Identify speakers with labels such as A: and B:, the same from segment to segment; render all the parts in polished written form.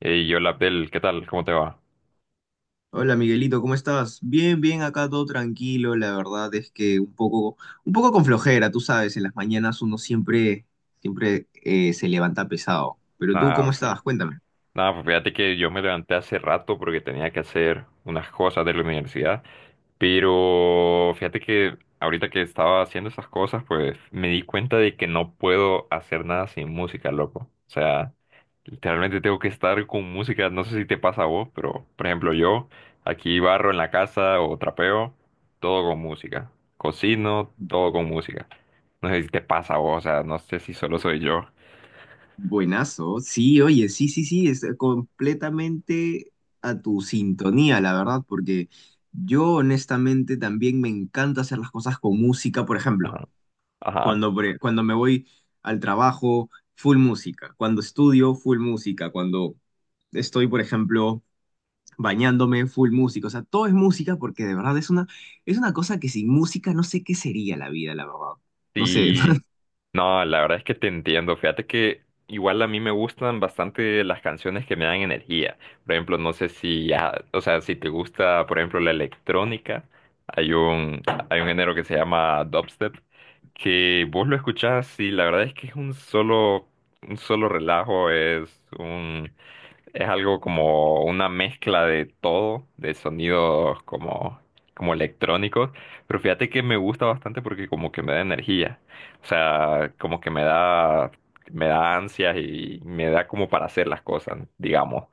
A: Hey, hola Abdel, ¿qué tal? ¿Cómo te va?
B: Hola Miguelito, ¿cómo estás? Bien, bien, acá todo tranquilo, la verdad es que un poco con flojera, tú sabes, en las mañanas uno siempre, se levanta pesado. Pero tú,
A: Nada,
B: ¿cómo
A: fi-
B: estás? Cuéntame.
A: Nada, pues fíjate que yo me levanté hace rato porque tenía que hacer unas cosas de la universidad, pero fíjate que ahorita que estaba haciendo esas cosas, pues me di cuenta de que no puedo hacer nada sin música, loco. O sea, literalmente tengo que estar con música, no sé si te pasa a vos, pero por ejemplo yo aquí barro en la casa o trapeo, todo con música. Cocino, todo con música. No sé si te pasa a vos, o sea, no sé si solo soy yo.
B: Buenazo, sí, oye, sí, sí, sí, es completamente a tu sintonía, la verdad, porque yo honestamente también me encanta hacer las cosas con música, por ejemplo.
A: Ajá, ajá.
B: Cuando me voy al trabajo, full música. Cuando estudio, full música. Cuando estoy, por ejemplo, bañándome, full música. O sea, todo es música porque de verdad es una cosa que sin música no sé qué sería la vida, la verdad. No sé.
A: Y no, la verdad es que te entiendo. Fíjate que igual a mí me gustan bastante las canciones que me dan energía. Por ejemplo, no sé si, ah, o sea, si te gusta, por ejemplo, la electrónica, hay un, hay un género que se llama dubstep, que vos lo escuchás y la verdad es que es un solo relajo, es un. Es algo como una mezcla de todo, de sonidos como, como electrónicos, pero fíjate que me gusta bastante porque como que me da energía, o sea, como que me da ansias y me da como para hacer las cosas, digamos.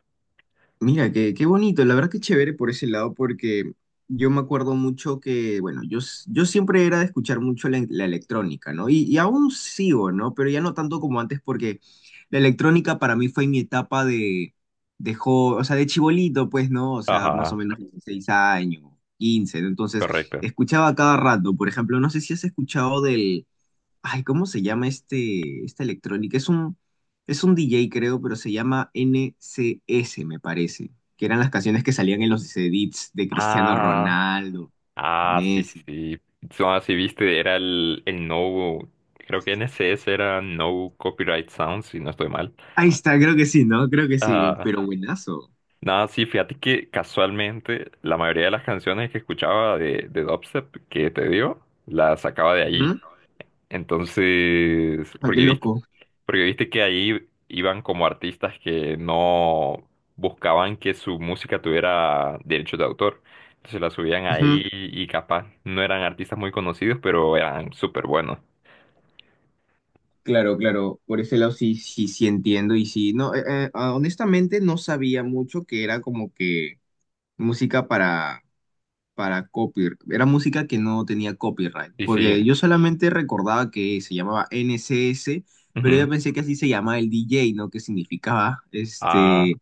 B: Mira, qué bonito, la verdad que chévere por ese lado, porque yo me acuerdo mucho que, bueno, yo siempre era de escuchar mucho la electrónica, ¿no? Y aún sigo, ¿no? Pero ya no tanto como antes, porque la electrónica para mí fue mi etapa de, o sea, de chibolito, pues, ¿no? O sea, más o
A: Ajá,
B: menos 16 años, 15, ¿no? Entonces,
A: correcto.
B: escuchaba cada rato, por ejemplo, no sé si has escuchado del. Ay, ¿cómo se llama este, esta electrónica? Es un DJ, creo, pero se llama NCS, me parece. Que eran las canciones que salían en los edits de Cristiano
A: Ah,
B: Ronaldo,
A: ah, sí, sí,
B: Messi.
A: sí. No, sí, viste, era el no, creo que NCS era No Copyright Sounds, si no estoy mal.
B: Ahí está, creo que sí, ¿no? Creo que sí, pero buenazo.
A: Nada, sí, fíjate que casualmente la mayoría de las canciones que escuchaba de dubstep que te dio, las sacaba de allí.
B: Ujú.
A: Entonces,
B: Ah, qué loco.
A: porque viste que ahí iban como artistas que no buscaban que su música tuviera derechos de autor. Entonces la subían
B: Ujú.
A: ahí y capaz no eran artistas muy conocidos, pero eran súper buenos.
B: Claro, claro, por ese lado sí, sí, sí, entiendo. Y sí, no, honestamente no sabía mucho que era como que música para copyright. Era música que no tenía copyright,
A: Sí,
B: porque
A: sí,
B: yo solamente recordaba que se llamaba N C S, pero yo
A: ujú.
B: pensé que así se llamaba el D J, ¿no? Que significaba este,
A: Ah,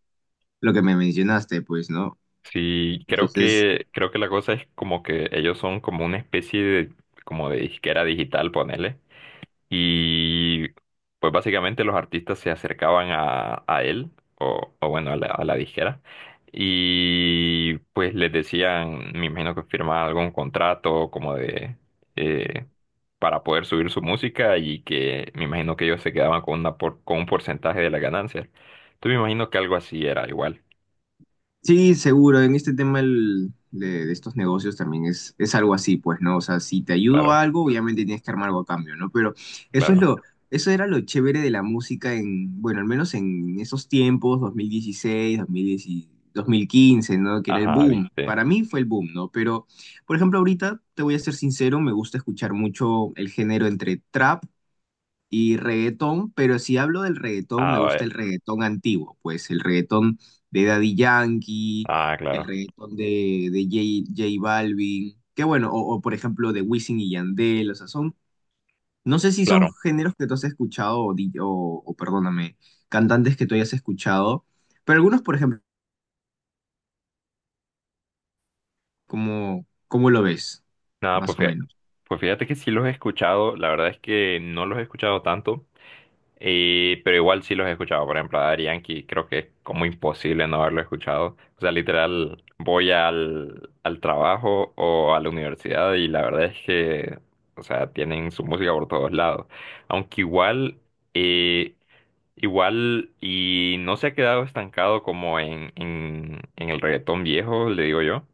B: lo que me mencionaste, pues, ¿no?
A: sí,
B: Entonces.
A: creo que la cosa es como que ellos son como una especie de, como de disquera digital, ponele. Y pues básicamente los artistas se acercaban a él, o bueno, a la disquera. Y pues les decían, me imagino que firmaban algún contrato como de, eh, para poder subir su música y que me imagino que ellos se quedaban con una por- con un porcentaje de las ganancias. Entonces me imagino que algo así era igual,
B: Sí, seguro. En este tema de estos negocios también es algo así, pues, ¿no? O sea, si te ayudo
A: claro,
B: a algo, obviamente tienes que armar algo a cambio, ¿no? Pero eso es
A: claro.
B: lo, eso era lo chévere de la música en, bueno, al menos en esos tiempos, dos mil dieciséis, 2010, 2015, ¿no? Que era el
A: Ajá,
B: boom.
A: viste.
B: Para mí fue el boom, ¿no? Pero, por ejemplo, ahorita, te voy a ser sincero, me gusta escuchar mucho el género entre trap y reggaetón, pero si hablo del reggaetón,
A: Ah,
B: me gusta
A: vaya.
B: el reggaetón antiguo, pues el reggaetón de Daddy Yankee,
A: Ah,
B: el
A: claro.
B: reggaetón de J Balvin, que bueno, o por ejemplo de Wisin y Yandel, o sea, son, no sé si son
A: Claro.
B: géneros que tú has escuchado, o, di- o, perdóname, cantantes que tú hayas escuchado, pero algunos, por ejemplo, como, ¿cómo lo ves?
A: Nada,
B: Más o menos.
A: pues fíjate que sí los he escuchado. La verdad es que no los he escuchado tanto. Y, pero igual sí los he escuchado, por ejemplo, a Daddy Yankee, creo que es como imposible no haberlo escuchado. O sea, literal, voy al trabajo o a la universidad y la verdad es que, o sea, tienen su música por todos lados. Aunque igual, eh, igual, y no se ha quedado estancado como en el reggaetón viejo, le digo yo.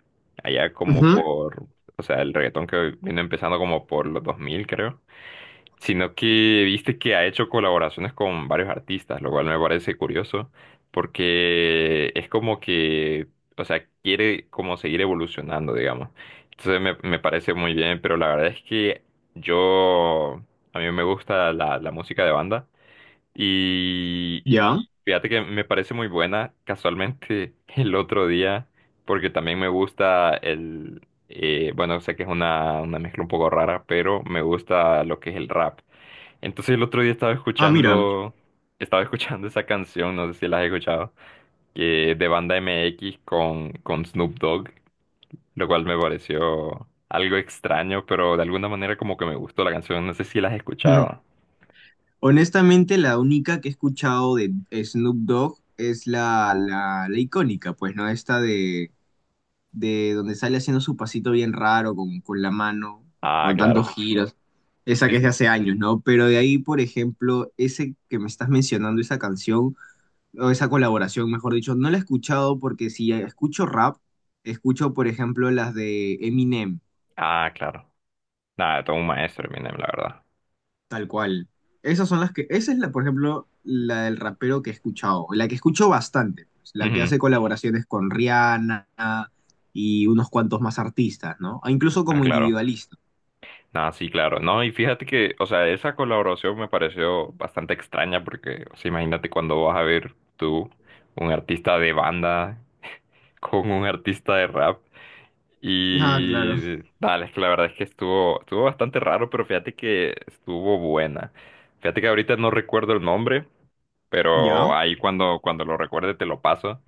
A: Allá como
B: Ujú.
A: por, o sea, el reggaetón que vino empezando como por los 2000, creo, sino que viste que ha hecho colaboraciones con varios artistas, lo cual me parece curioso, porque es como que, o sea, quiere como seguir evolucionando, digamos. Entonces me parece muy bien, pero la verdad es que yo, a mí me gusta la, la música de banda y
B: ¿Ya?
A: fíjate que me parece muy buena, casualmente el otro día, porque también me gusta el... bueno, sé que es una mezcla un poco rara, pero me gusta lo que es el rap. Entonces el otro día
B: Ah, mira.
A: estaba escuchando esa canción, no sé si la has escuchado, que de Banda M X con Snoop Dogg, lo cual me pareció algo extraño, pero de alguna manera como que me gustó la canción, no sé si la has escuchado.
B: Honestamente, la única que he escuchado de Snoop Dogg es la icónica, pues, ¿no? Esta de donde sale haciendo su pasito bien raro con, la mano,
A: Ah,
B: con
A: claro.
B: tantos giros. Esa
A: Sí,
B: que es de
A: sí.
B: hace años, ¿no? Pero de ahí, por ejemplo, ese que me estás mencionando, esa canción, o esa colaboración, mejor dicho, no la he escuchado porque si escucho rap, escucho, por ejemplo, las de Eminem.
A: Ah, claro. Nada, todo un maestro, Eminem, la verdad.
B: Tal cual. Esas son las que, esa es la, por ejemplo, la del rapero que he escuchado, la que escucho bastante, pues, la que
A: Ujú.
B: hace colaboraciones con Rihanna y unos cuantos más artistas, ¿no? Ah, incluso
A: Ah,
B: como
A: claro.
B: individualista.
A: Nada, sí, claro. No, y fíjate que, o sea, esa colaboración me pareció bastante extraña porque, o sea, imagínate cuando vas a ver tú un artista de banda con un artista de rap.
B: Ah, claro.
A: Y dale, es que la verdad es que estuvo, estuvo bastante raro, pero fíjate que estuvo buena. Fíjate que ahorita no recuerdo el nombre, pero
B: Ya,
A: ahí cuando, cuando lo recuerde te lo paso.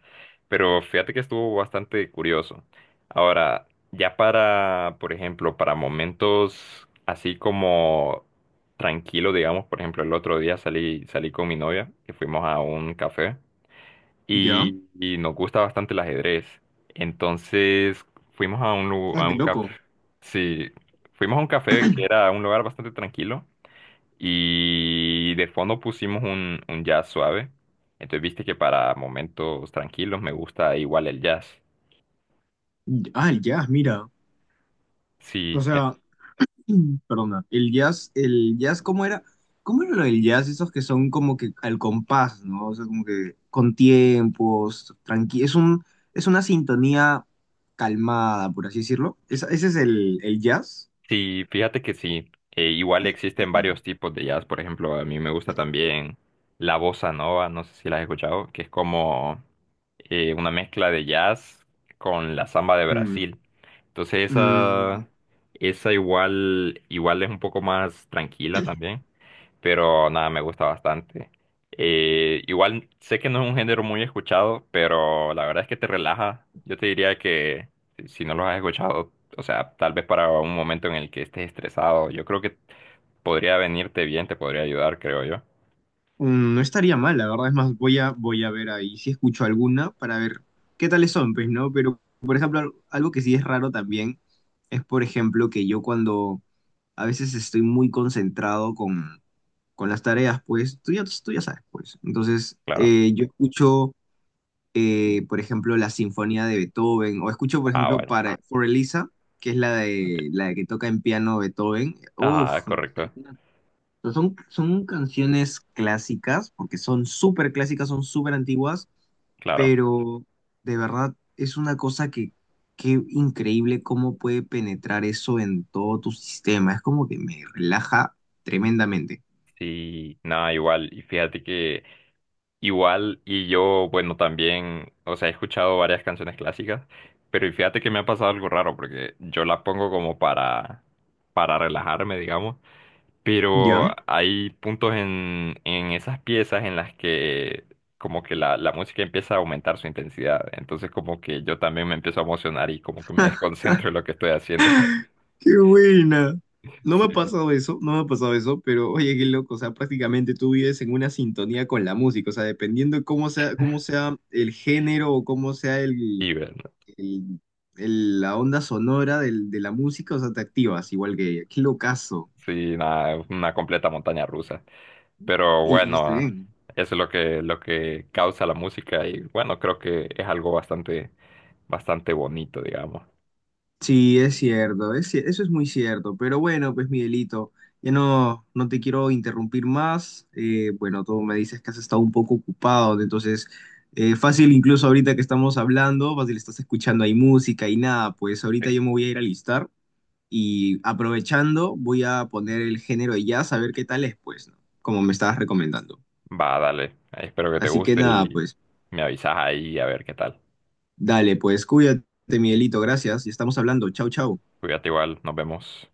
A: Pero fíjate que estuvo bastante curioso. Ahora, ya para, por ejemplo, para momentos así como tranquilo, digamos, por ejemplo, el otro día salí, salí con mi novia y fuimos a un café
B: ya.
A: y nos gusta bastante el ajedrez. Entonces fuimos a un, lu-
B: Ah,
A: a
B: qué
A: un café,
B: loco.
A: sí, fuimos a un café que era un lugar bastante tranquilo y de fondo pusimos un jazz suave. Entonces viste que para momentos tranquilos me gusta igual el jazz.
B: Ah, ya, mira. O
A: Sí,
B: sea, perdona, el jazz, ¿cómo era? ¿Cómo era lo del jazz? Esos que son como que al compás, ¿no? O sea, como que con tiempos, tranqui, es una sintonía calmada, por así decirlo. Ese es el jazz.
A: sí, fíjate que sí. Igual existen varios tipos de jazz. Por ejemplo, a mí me gusta también la bossa nova, no sé si la has escuchado, que es como una mezcla de jazz con la samba de
B: Mm,
A: Brasil. Entonces
B: mm,
A: esa igual, igual es un poco más tranquila también, pero nada, me gusta bastante. Igual sé que no es un género muy escuchado, pero la verdad es que te relaja. Yo te diría que si no lo has escuchado, o sea, tal vez para un momento en el que estés estresado, yo creo que podría venirte bien, te podría ayudar, creo yo.
B: no estaría mal, la verdad. Es más, voy a ver ahí si escucho alguna para ver qué tales son, pues, ¿no? Pero, por ejemplo, algo que sí es raro también es, por ejemplo, que yo cuando a veces estoy muy concentrado con las tareas, pues tú ya sabes, pues. Entonces,
A: Claro.
B: yo escucho, por ejemplo, la Sinfonía de Beethoven, o escucho, por
A: Ah,
B: ejemplo,
A: vale.
B: para For Elisa, que es la
A: Ok.
B: de la que toca en piano Beethoven. Uf,
A: Ah,
B: no
A: correcto.
B: sé, son canciones clásicas, porque son súper clásicas, son súper antiguas,
A: Claro.
B: pero de verdad es una cosa que, qué increíble cómo puede penetrar eso en todo tu sistema. Es como que me relaja tremendamente.
A: Sí, nada, igual. Y fíjate que igual, y yo, bueno, también, o sea, he escuchado varias canciones clásicas, pero y fíjate que me ha pasado algo raro, porque yo la pongo como para relajarme, digamos, pero
B: ¿Ya?
A: hay puntos en esas piezas en las que como que la música empieza a aumentar su intensidad, entonces como que yo también me empiezo a emocionar y como que me desconcentro en lo que estoy haciendo.
B: Qué buena. No me
A: Sí,
B: ha pasado eso, no me ha pasado eso, pero oye, qué loco, o sea, prácticamente tú vives en una sintonía con la música, o sea, dependiendo de cómo sea el género o cómo sea
A: y bueno,
B: el- la onda sonora de la música, o sea, te activas igual que ella. Qué locazo.
A: sí, nada, una completa montaña rusa. Pero
B: Y está
A: bueno,
B: bien.
A: eso es lo que causa la música y bueno, creo que es algo bastante, bastante bonito, digamos.
B: Sí, es cierto, eso es muy cierto. Pero bueno, pues Miguelito, ya no, no te quiero interrumpir más. Bueno, tú me dices que has estado un poco ocupado, entonces fácil incluso ahorita que estamos hablando, fácil estás escuchando ahí música y nada, pues
A: Sí.
B: ahorita yo me voy a ir a listar y aprovechando voy a poner el género de jazz a ver qué tal es, pues, ¿no? Como me estabas recomendando.
A: Va, dale. Espero que te
B: Así que
A: guste
B: nada,
A: y
B: pues
A: me avisas ahí a ver qué tal.
B: dale, pues cuídate, Miguelito, gracias y estamos hablando. Chau, chau.
A: Cuídate igual, nos vemos.